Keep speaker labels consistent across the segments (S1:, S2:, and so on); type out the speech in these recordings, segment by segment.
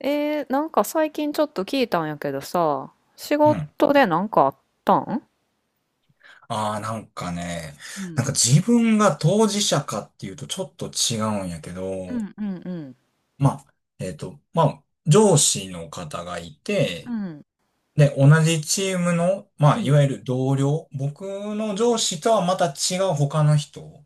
S1: なんか最近ちょっと聞いたんやけどさ、仕
S2: うん。
S1: 事でなんかあったん。
S2: ああ、なんかね、
S1: う
S2: なん
S1: ん、
S2: か自分が当事者かっていうとちょっと違うんやけ
S1: う
S2: ど、
S1: んうんうん
S2: まあ、まあ、上司の方がい
S1: う
S2: て、
S1: ん、
S2: で、同じチームの、ま
S1: う
S2: あ、い
S1: ん、
S2: わゆる同僚、僕の上司とはまた違う他の人っ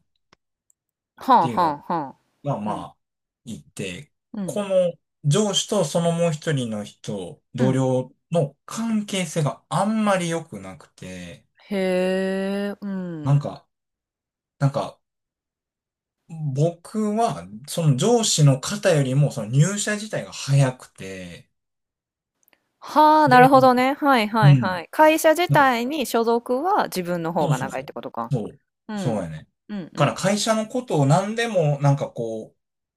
S1: はあ
S2: ていう
S1: はあはあ、
S2: のが、
S1: う
S2: ま
S1: ん。
S2: あ、いて、
S1: うん。
S2: この上司とそのもう一人の人、
S1: う
S2: 同
S1: ん。
S2: 僚の関係性があんまり良くなくて、
S1: へえ、う
S2: な
S1: ん。
S2: んか、なんか、僕は、その上司の方よりも、その入社自体が早くて、
S1: はあ、なる
S2: で、
S1: ほどね。はいは
S2: う
S1: いは
S2: ん。
S1: い。会社自
S2: なんか
S1: 体に所属は自分の方
S2: そう
S1: が
S2: そう
S1: 長いっ
S2: そ
S1: て
S2: う。
S1: ことか。
S2: そう。
S1: う
S2: そう
S1: ん。
S2: やね。
S1: うんう
S2: だから
S1: ん。
S2: 会社のことを何でも、なんかこ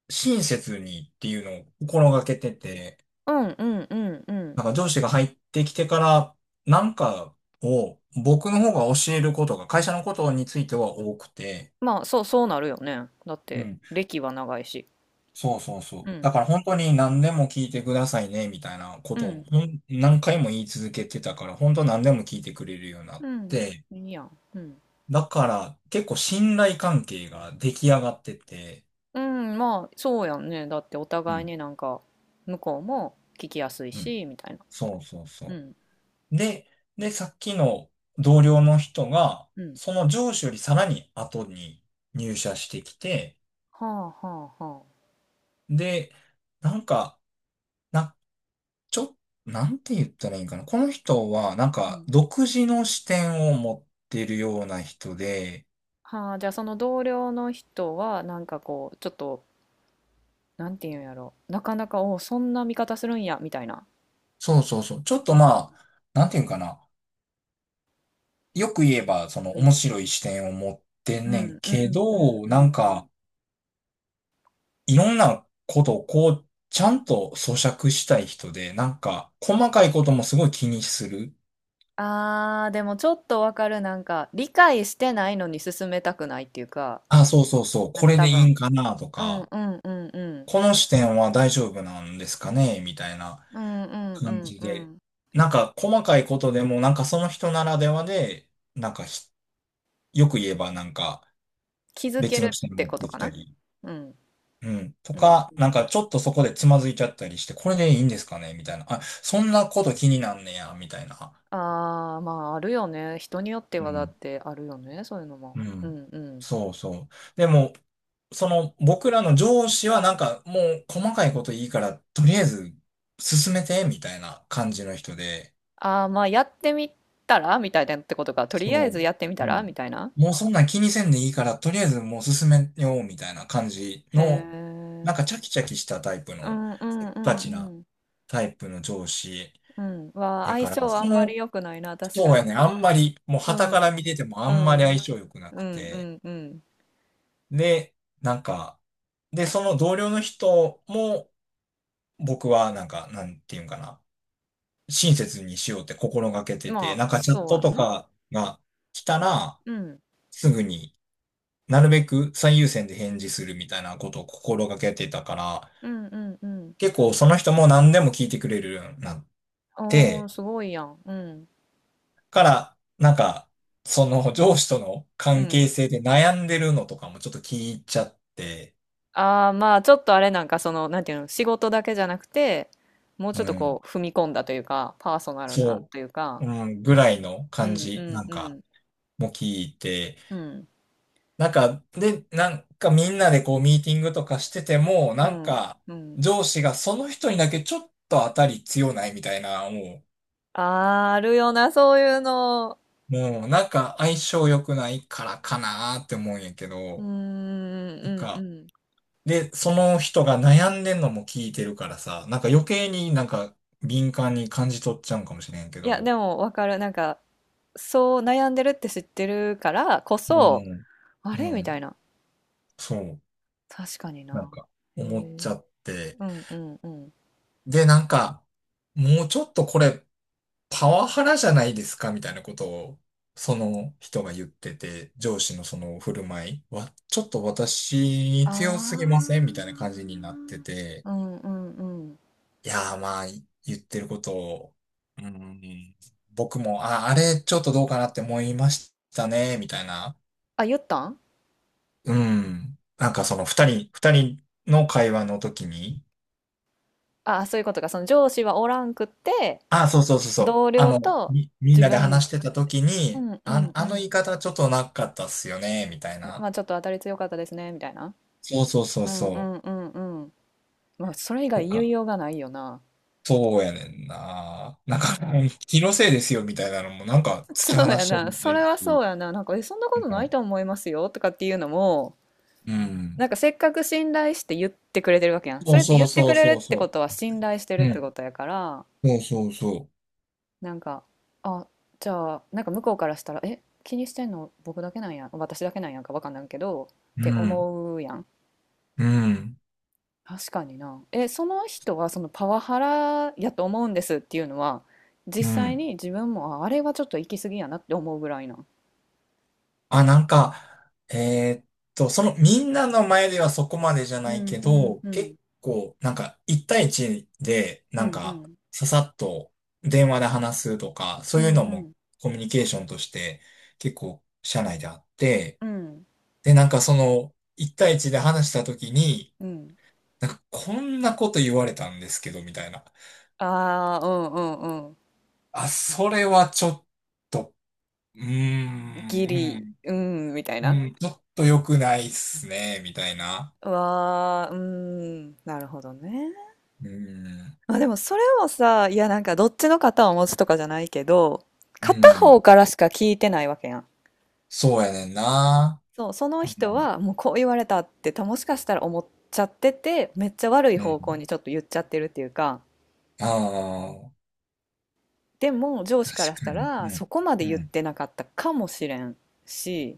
S2: う、親切にっていうのを心がけてて、
S1: うんうんうんうん。
S2: なんか上司が入ってきてから、なんかを僕の方が教えることが、会社のことについては多くて、
S1: まあ、そう、そうなるよね。だって、歴は長いし。
S2: そうそうそう。
S1: う
S2: だ
S1: ん。
S2: から本当に何でも聞いてくださいね、みたいなこ
S1: う
S2: とを
S1: ん。
S2: ほん何回も言い続けてたから、本当何でも聞いてくれるようにな
S1: う
S2: っ
S1: ん。
S2: て、
S1: いいやん。うん。
S2: だから結構信頼関係が出来上がってて、
S1: うん、まあ、そうやんね。だってお
S2: う
S1: 互い
S2: ん、
S1: になんか、向こうも聞きやすい
S2: うん。
S1: し、みたいな。
S2: そうそう
S1: う
S2: そ
S1: ん、
S2: う。で、さっきの同僚の人が、
S1: うん。
S2: その上司よりさらに後に入社してきて、
S1: はあ、はあ、はあ。
S2: で、なんか、なちょっ、なんて言ったらいいんかな。この人は、なん
S1: う
S2: か、
S1: ん。
S2: 独自の視点を持ってるような人で、
S1: はあ、じゃあその同僚の人は、なんかこう、ちょっと、なんていうんやろ。なかなか、おうそんな見方するんや、みたいな。
S2: そうそうそう。ちょっ
S1: う
S2: と
S1: ん、
S2: まあ、なんて言うんかな。よく言えば、その
S1: う
S2: 面
S1: ん、
S2: 白い視点を持って
S1: う
S2: ん
S1: ん、う
S2: ねん
S1: ん、う
S2: け
S1: ん、
S2: ど、
S1: う
S2: なん
S1: ん。うん、
S2: か、いろんなことをこう、ちゃんと咀嚼したい人で、なんか、細かいこともすごい気にする。
S1: あー、でもちょっとわかる。なんか、理解してないのに進めたくないっていうか、
S2: あ、そうそうそう。
S1: なん
S2: こ
S1: か
S2: れで
S1: 多
S2: いい
S1: 分、
S2: んかなと
S1: うん、
S2: か、
S1: うん、うん、うん。
S2: この視点は大丈夫なんですかねみたいな。
S1: うん、うん、う
S2: 感
S1: ん、
S2: じ
S1: う
S2: で。
S1: ん。
S2: なんか細かいことでも、なんかその人ならではで、なんかよく言えばなんか
S1: 気づけ
S2: 別
S1: るっ
S2: の人に
S1: て
S2: 持っ
S1: こと
S2: てき
S1: か
S2: た
S1: な。
S2: り、
S1: うん。
S2: うん、と
S1: うん。
S2: か、なんかちょっとそこでつまずいちゃったりして、これでいいんですかねみたいな。あ、そんなこと気になんねや、みたいな。
S1: ああ、まあ、あるよね。人によって
S2: う
S1: はだっ
S2: ん、
S1: てあるよね。そういうのも。
S2: う
S1: う
S2: ん。
S1: んうん。
S2: そうそう。でも、その僕らの上司はなんかもう細かいこといいから、とりあえず進めて、みたいな感じの人で、
S1: ああ、まあ、やってみたらみたいなってことか。とりあえ
S2: そう。
S1: ずやってみた
S2: う
S1: らみ
S2: ん。
S1: たいな。
S2: もうそんなん気にせんでいいから、とりあえずもう進めようみたいな感じ
S1: へ
S2: の、
S1: え。
S2: なんかチャキチャキしたタイプ
S1: う
S2: の、
S1: んう
S2: せ
S1: ん
S2: っ
S1: う
S2: かちな
S1: んうん
S2: タイプの上司
S1: うん。は
S2: や
S1: 相
S2: から、
S1: 性あ
S2: そ
S1: んまり
S2: の、
S1: 良くないな、確
S2: そ
S1: か
S2: うや
S1: に。
S2: ね、あんまり、もう
S1: う
S2: 傍から
S1: ん
S2: 見ててもあ
S1: う
S2: んまり相
S1: ん
S2: 性良くな
S1: う
S2: く
S1: んう
S2: て、
S1: んう
S2: で、なんか、で、その同僚の人も、僕はなんか、なんていうんかな、親切にしようって心がけ
S1: ん。
S2: てて、
S1: ま
S2: な
S1: あ
S2: んかチャッ
S1: そう
S2: ト
S1: や
S2: と
S1: な。
S2: かが来たら、
S1: うん
S2: すぐに、なるべく最優先で返事するみたいなことを心がけてたから、
S1: うんうんうん。
S2: 結構その人も何でも聞いてくれるようになっ
S1: おー、
S2: て、
S1: すごいやん。うん
S2: から、なんか、その上司との
S1: う
S2: 関
S1: ん。
S2: 係性で悩んでるのとかもちょっと聞いちゃって、
S1: ああ、まあ、ちょっとあれなんか、その、なんていうの、仕事だけじゃなくて、もうち
S2: う
S1: ょっと
S2: ん、
S1: こう、踏み込んだというか、パーソナルな
S2: そ
S1: というか、
S2: う、うん、ぐらいの
S1: う
S2: 感
S1: んう
S2: じ、な
S1: ん
S2: ん
S1: う
S2: か、
S1: ん、
S2: も聞いて、
S1: うん、
S2: なんか、で、なんかみんなでこうミーティングとかしてても、
S1: う
S2: なん
S1: ん、
S2: か、
S1: うん。
S2: 上司がその人にだけちょっと当たり強ないみたいな、もう、
S1: あーあるよな、そういうの。
S2: もうなんか相性良くないからかなーって思うんやけ
S1: うー
S2: ど、
S1: ん、うん、う
S2: なんか、
S1: ん。
S2: で、その人が悩んでんのも聞いてるからさ、なんか余計になんか敏感に感じ取っちゃうんかもしれんけ
S1: いや、
S2: ど、
S1: でも、わかる。なんか、そう悩んでるって知ってるからこ
S2: う
S1: そ、
S2: ん、
S1: あ
S2: う
S1: れみた
S2: ん、
S1: いな。
S2: そう、
S1: 確かに
S2: なん
S1: な。
S2: か
S1: へ
S2: 思っち
S1: え。
S2: ゃって、
S1: うん、うん、うん。
S2: で、なんか、もうちょっとこれ、パワハラじゃないですかみたいなことを、その人が言ってて、上司のその振る舞いは、ちょっと私に強すぎ
S1: あ
S2: ませんみたいな感じになってて、
S1: あ。うん、うん、うん。
S2: いやーまあ、言ってることを、うん、僕も、あ、あれちょっとどうかなって思いましたね、みたいな。
S1: あ、言ったん？
S2: うん。なんかその二人の会話の時に、
S1: ああ、そういうことか。その上司はおらんくって、
S2: あ、そうそうそうそう。
S1: 同
S2: あ
S1: 僚
S2: の、
S1: と
S2: みん
S1: 自
S2: なで
S1: 分、
S2: 話してた時
S1: う
S2: に、
S1: んう
S2: あ、
S1: んう
S2: あの
S1: ん。
S2: 言い方ちょっとなかったっすよね、みたい
S1: ま
S2: な。
S1: あちょっと当たり強かったですね、みたいな。
S2: そうそうそう
S1: うんう
S2: そ
S1: んうんうん。まあそれ以
S2: う。と
S1: 外言い
S2: か。
S1: ようがないよな。
S2: そうやねんな。なん
S1: なん
S2: か、
S1: か、
S2: うん気のせいですよ、みたいなのも、なんか、突き
S1: そ
S2: 放
S1: うや
S2: してる
S1: な。
S2: みた
S1: そ
S2: い
S1: れ
S2: だ
S1: はそう
S2: し。
S1: やな。なんか、え、そんなこ
S2: う
S1: とない
S2: ん。
S1: と思いますよ、とかっていうのも、
S2: う
S1: な
S2: ん
S1: んかせっかく信頼して言ってくれてるわけやん。
S2: そ
S1: そ
S2: う
S1: れって
S2: そ
S1: 言
S2: う
S1: って
S2: そ
S1: く
S2: う
S1: れ
S2: そ
S1: る
S2: う
S1: って
S2: そ
S1: こ
S2: う。
S1: とは信頼してるっ
S2: う
S1: て
S2: ん。
S1: ことやから、
S2: そうそうそ
S1: なんか、あ、じゃあ、なんか向こうからしたら、え、気にしてんの僕だけなんや、私だけなんやんかわかんないけど、っ
S2: う。う
S1: て
S2: ん。
S1: 思うやん。
S2: うん。
S1: 確かにな。え、その人はそのパワハラやと思うんですっていうのは、実
S2: う
S1: 際
S2: ん。
S1: に自分も、あ、あれはちょっと行き過ぎやなって思うぐらいなん？
S2: あ、なんか、そのみんなの前ではそこまでじゃ
S1: う
S2: ない
S1: ん
S2: け
S1: うん
S2: ど、
S1: うん
S2: 結構、なんか、一対一で、
S1: う
S2: なん
S1: んう
S2: か、
S1: ん
S2: ささっと電話で話すとか、
S1: う
S2: そういう
S1: ん
S2: の
S1: う
S2: も
S1: ん
S2: コミュニケーションとして結構社内であって、
S1: うん
S2: で、なんかその、一対一で話した時に、
S1: うん。
S2: なんか、こんなこと言われたんですけど、みたいな。
S1: ああー、うんうんうん。
S2: あ、それはちょっと、うー
S1: ギリ
S2: ん、
S1: うんみたい
S2: うん、
S1: な。
S2: うん、ちょっと良くないっすね、みたいな。
S1: うわー、うん、なるほどね。
S2: うん。
S1: まあでもそれもさ、いやなんかどっちの肩を持つとかじゃないけど、
S2: う
S1: 片方
S2: ん。
S1: からしか聞いてないわけやん。
S2: そうやねんな。
S1: そう、その
S2: あ
S1: 人
S2: の
S1: はもうこう言われたってたもしかしたら思っちゃってて、めっちゃ悪い
S2: う
S1: 方向
S2: ん。
S1: にちょっと言っちゃってるっていうか、
S2: あ
S1: でも上
S2: あ、
S1: 司か
S2: 確
S1: らし
S2: か
S1: た
S2: に。
S1: ら
S2: う
S1: そ
S2: ん。
S1: こまで
S2: う
S1: 言っ
S2: ん。
S1: てなかったかもしれんし、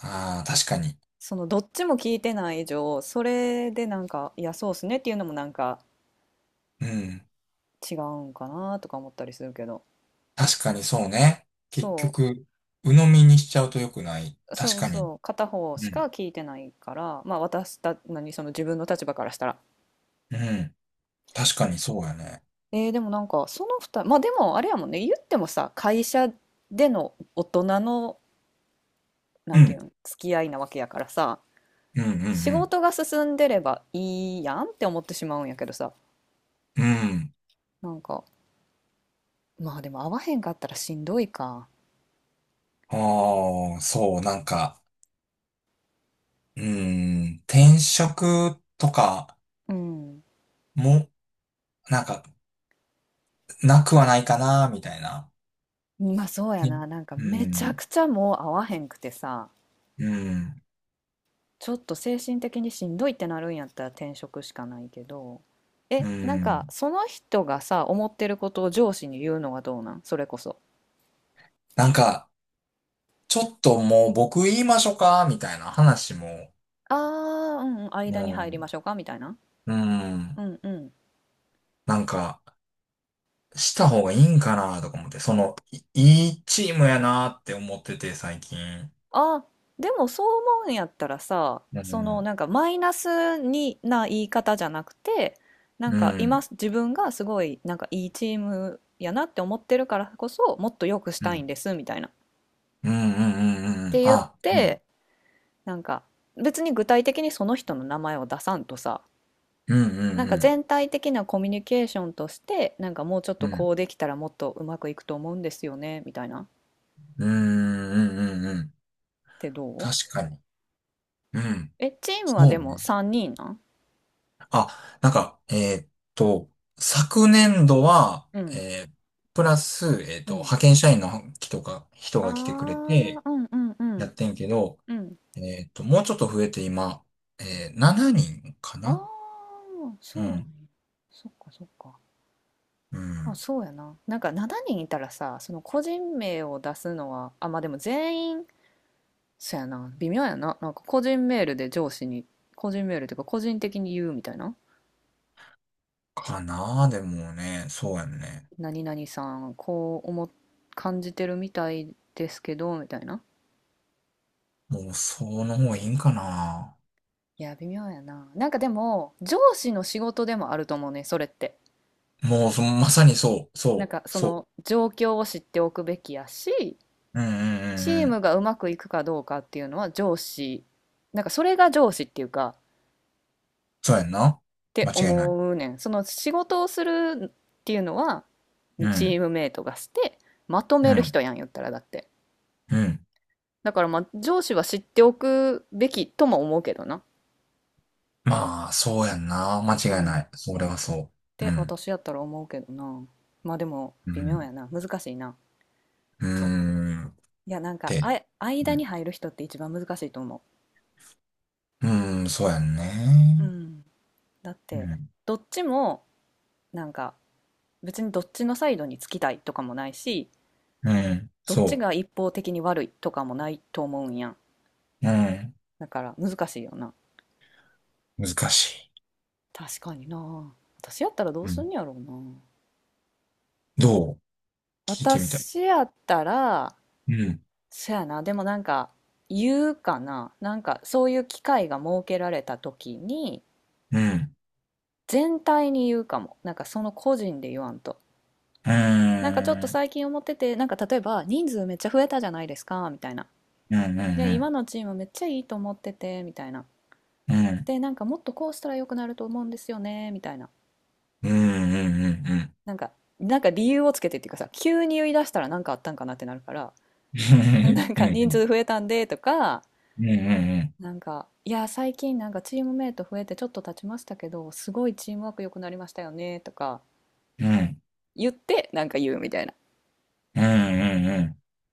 S2: ああ、確かに。
S1: そのどっちも聞いてない以上、それでなんか、いやそうっすねっていうのもなんか
S2: うん。
S1: 違うんかなとか思ったりするけど。
S2: 確かにそうね。結
S1: そう。
S2: 局、鵜呑みにしちゃうと良くない。確
S1: そう
S2: かに。
S1: そう、片方し
S2: う
S1: か
S2: ん。
S1: 聞いてないから、まあ何、その自分の立場からしたら。
S2: うん。確かにそうやね。
S1: えー、でもなんか、その二人、まあでもあれやもんね、言ってもさ、会社での大人の、な
S2: う
S1: んてい
S2: ん。
S1: うの、付き合いなわけやからさ、
S2: うん、う
S1: 仕
S2: ん、
S1: 事が進んでればいいやんって思ってしまうんやけどさ、
S2: うん。うん。
S1: なんか、まあでも会わへんかったらしんどいか。
S2: ああ、そう、なんか、うーん。転職とか
S1: うん。
S2: も、なんか、なくはないかな、みたいな。
S1: まあそうや
S2: ね。
S1: な、なんか
S2: う
S1: めちゃ
S2: ん。
S1: くちゃもう会わへんくてさ、
S2: うん。
S1: ちょっと精神的にしんどいってなるんやったら転職しかないけど、
S2: う
S1: え、なんか
S2: ん。
S1: その人がさ、思ってることを上司に言うのはどうなんそれこそ。
S2: なんか、ちょっともう僕言いましょうかみたいな話も、
S1: ああ、うんうん、間に入りま
S2: も
S1: しょうかみたいな。
S2: う、うん。
S1: うんうん。
S2: なんか、した方がいいんかなとか思って、その、いいいチームやなって思ってて、最近。
S1: あ、でもそう思うんやったらさ、
S2: う
S1: その
S2: ん。
S1: なんかマイナスにな言い方じゃなくて、なん
S2: う
S1: か今
S2: ん。
S1: 自分がすごいなんかいいチームやなって思ってるからこそもっと良くし
S2: う
S1: たいん
S2: ん。
S1: ですみたいな。っ
S2: うんうんうんうんうん。
S1: て言っ
S2: あ、うん。
S1: てなんか別に具体的にその人の名前を出さんとさ、
S2: うん
S1: なん
S2: う
S1: か
S2: ん
S1: 全体的なコミュニケーションとしてなんかもうちょっ
S2: うん。
S1: と
S2: う
S1: こ
S2: ん。
S1: うできたらもっとうまくいくと思うんですよねみたいなっ
S2: うんうんうんうん。
S1: てどう。
S2: 確かに。うん。
S1: えチー
S2: そ
S1: ムはで
S2: う
S1: も
S2: ね。
S1: 3人なん？
S2: あ、なんか、ーっと、昨年度は、
S1: うん
S2: えープラス、
S1: うん、
S2: 派遣社員の人が、
S1: あ
S2: 来てくれ
S1: ー、
S2: て、
S1: うんうんう
S2: や
S1: ん
S2: ってんけど、
S1: うん、
S2: もうちょっと増えて今、7人か
S1: あ
S2: な。
S1: ー
S2: う
S1: そうなんや。
S2: ん。
S1: そっかそっか。
S2: う
S1: あ
S2: ん。
S1: そうやな、なんか7人いたらさその個人名を出すのはまあでも全員そやな、微妙やな。なんか個人メールで上司に、個人メールというか個人的に言うみたいな。
S2: かなでもね、そうやんね。
S1: 何々さん、こう思っ、感じてるみたいですけど、みたいな。
S2: もう、その方がいいんかな。
S1: いや、微妙やな。なんかでも、上司の仕事でもあると思うね、それって。
S2: もう、まさにそう、
S1: なん
S2: そう、
S1: かそ
S2: そう。
S1: の状況を知っておくべきやし、
S2: うんうん
S1: チ
S2: うんう
S1: ー
S2: ん。
S1: ムがうまくいくかどうかっていうのは上司、なんかそれが上司っていうか、
S2: そうやんな。
S1: っ
S2: 間
S1: て
S2: 違いない。
S1: 思うねん。その仕事をするっていうのは
S2: う
S1: チ
S2: ん、
S1: ームメイトがしてまと
S2: う
S1: める
S2: ん、
S1: 人やん言ったらだって。
S2: うん。
S1: だからまあ上司は知っておくべきとも思うけどな。
S2: まあ、そうやんな。間
S1: う
S2: 違い
S1: ん。
S2: ない。それはそう。う
S1: て
S2: ん。
S1: 私やったら思うけどな。まあでも
S2: う
S1: 微妙
S2: ん。
S1: やな。難しいな。
S2: うーん。
S1: いやなんか
S2: で、う
S1: 間に
S2: ん。
S1: 入る人って一番難しいと思
S2: うーん、そうやん
S1: う。う
S2: ね。
S1: ん。だっ
S2: う
S1: て
S2: ん。
S1: どっちもなんか、別にどっちのサイドにつきたいとかもないし、
S2: うん。
S1: どっち
S2: そ
S1: が一方的に悪いとかもないと思うんやん。
S2: う。うん。
S1: だから難しいよな。
S2: 難し
S1: 確かにな。私やったらどう
S2: い。う
S1: すん
S2: ん。
S1: ねやろうな。
S2: どう。聞いてみたい。
S1: 私やったら、
S2: うん。
S1: そやな、でもなんか、言うかな。なんか、そういう機会が設けられた時に、
S2: うん。
S1: 全体に言うかも。なんか、その個人で言わんと。
S2: う
S1: なんかちょっと
S2: ーん。
S1: 最近思ってて、なんか例えば、人数めっちゃ増えたじゃないですか、みたいな。
S2: うん。う
S1: で、今
S2: ん。
S1: のチームめっちゃいいと思ってて、みたいな。
S2: うん。
S1: で、なんかもっとこうしたら良くなると思うんですよね、みたいな。
S2: うん。うん。うん。うん。
S1: なんか、なんか理由をつけてっていうかさ、急に言い出したらなんかあったんかなってなるから、なん
S2: う
S1: か人
S2: ん。
S1: 数増えたんでとか、
S2: うん。うん。
S1: なんか、いや、最近なんかチームメイト増えてちょっと経ちましたけど、すごいチームワーク良くなりましたよねとか
S2: うん。うん。うん。うん。
S1: 言ってなんか言うみたいな、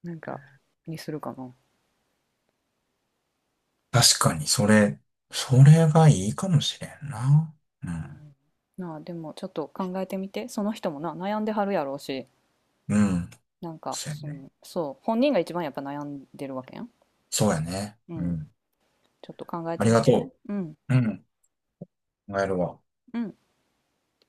S1: なんかにするかな。
S2: 確かに、それがいいかもしれんな。う
S1: う
S2: ん。
S1: ん、なあ、でもちょっと考えてみて、その人もな、悩んではるやろうし、
S2: うん。
S1: なんか
S2: そう
S1: そ
S2: やね。
S1: の、そう、本人が一番やっぱ悩んでるわけやん。
S2: そうやね。
S1: う
S2: う
S1: ん、
S2: ん。
S1: ちょっと考え
S2: あ
S1: て
S2: り
S1: み
S2: が
S1: て。
S2: と
S1: うん、
S2: う。うん。考えるわ。
S1: うん。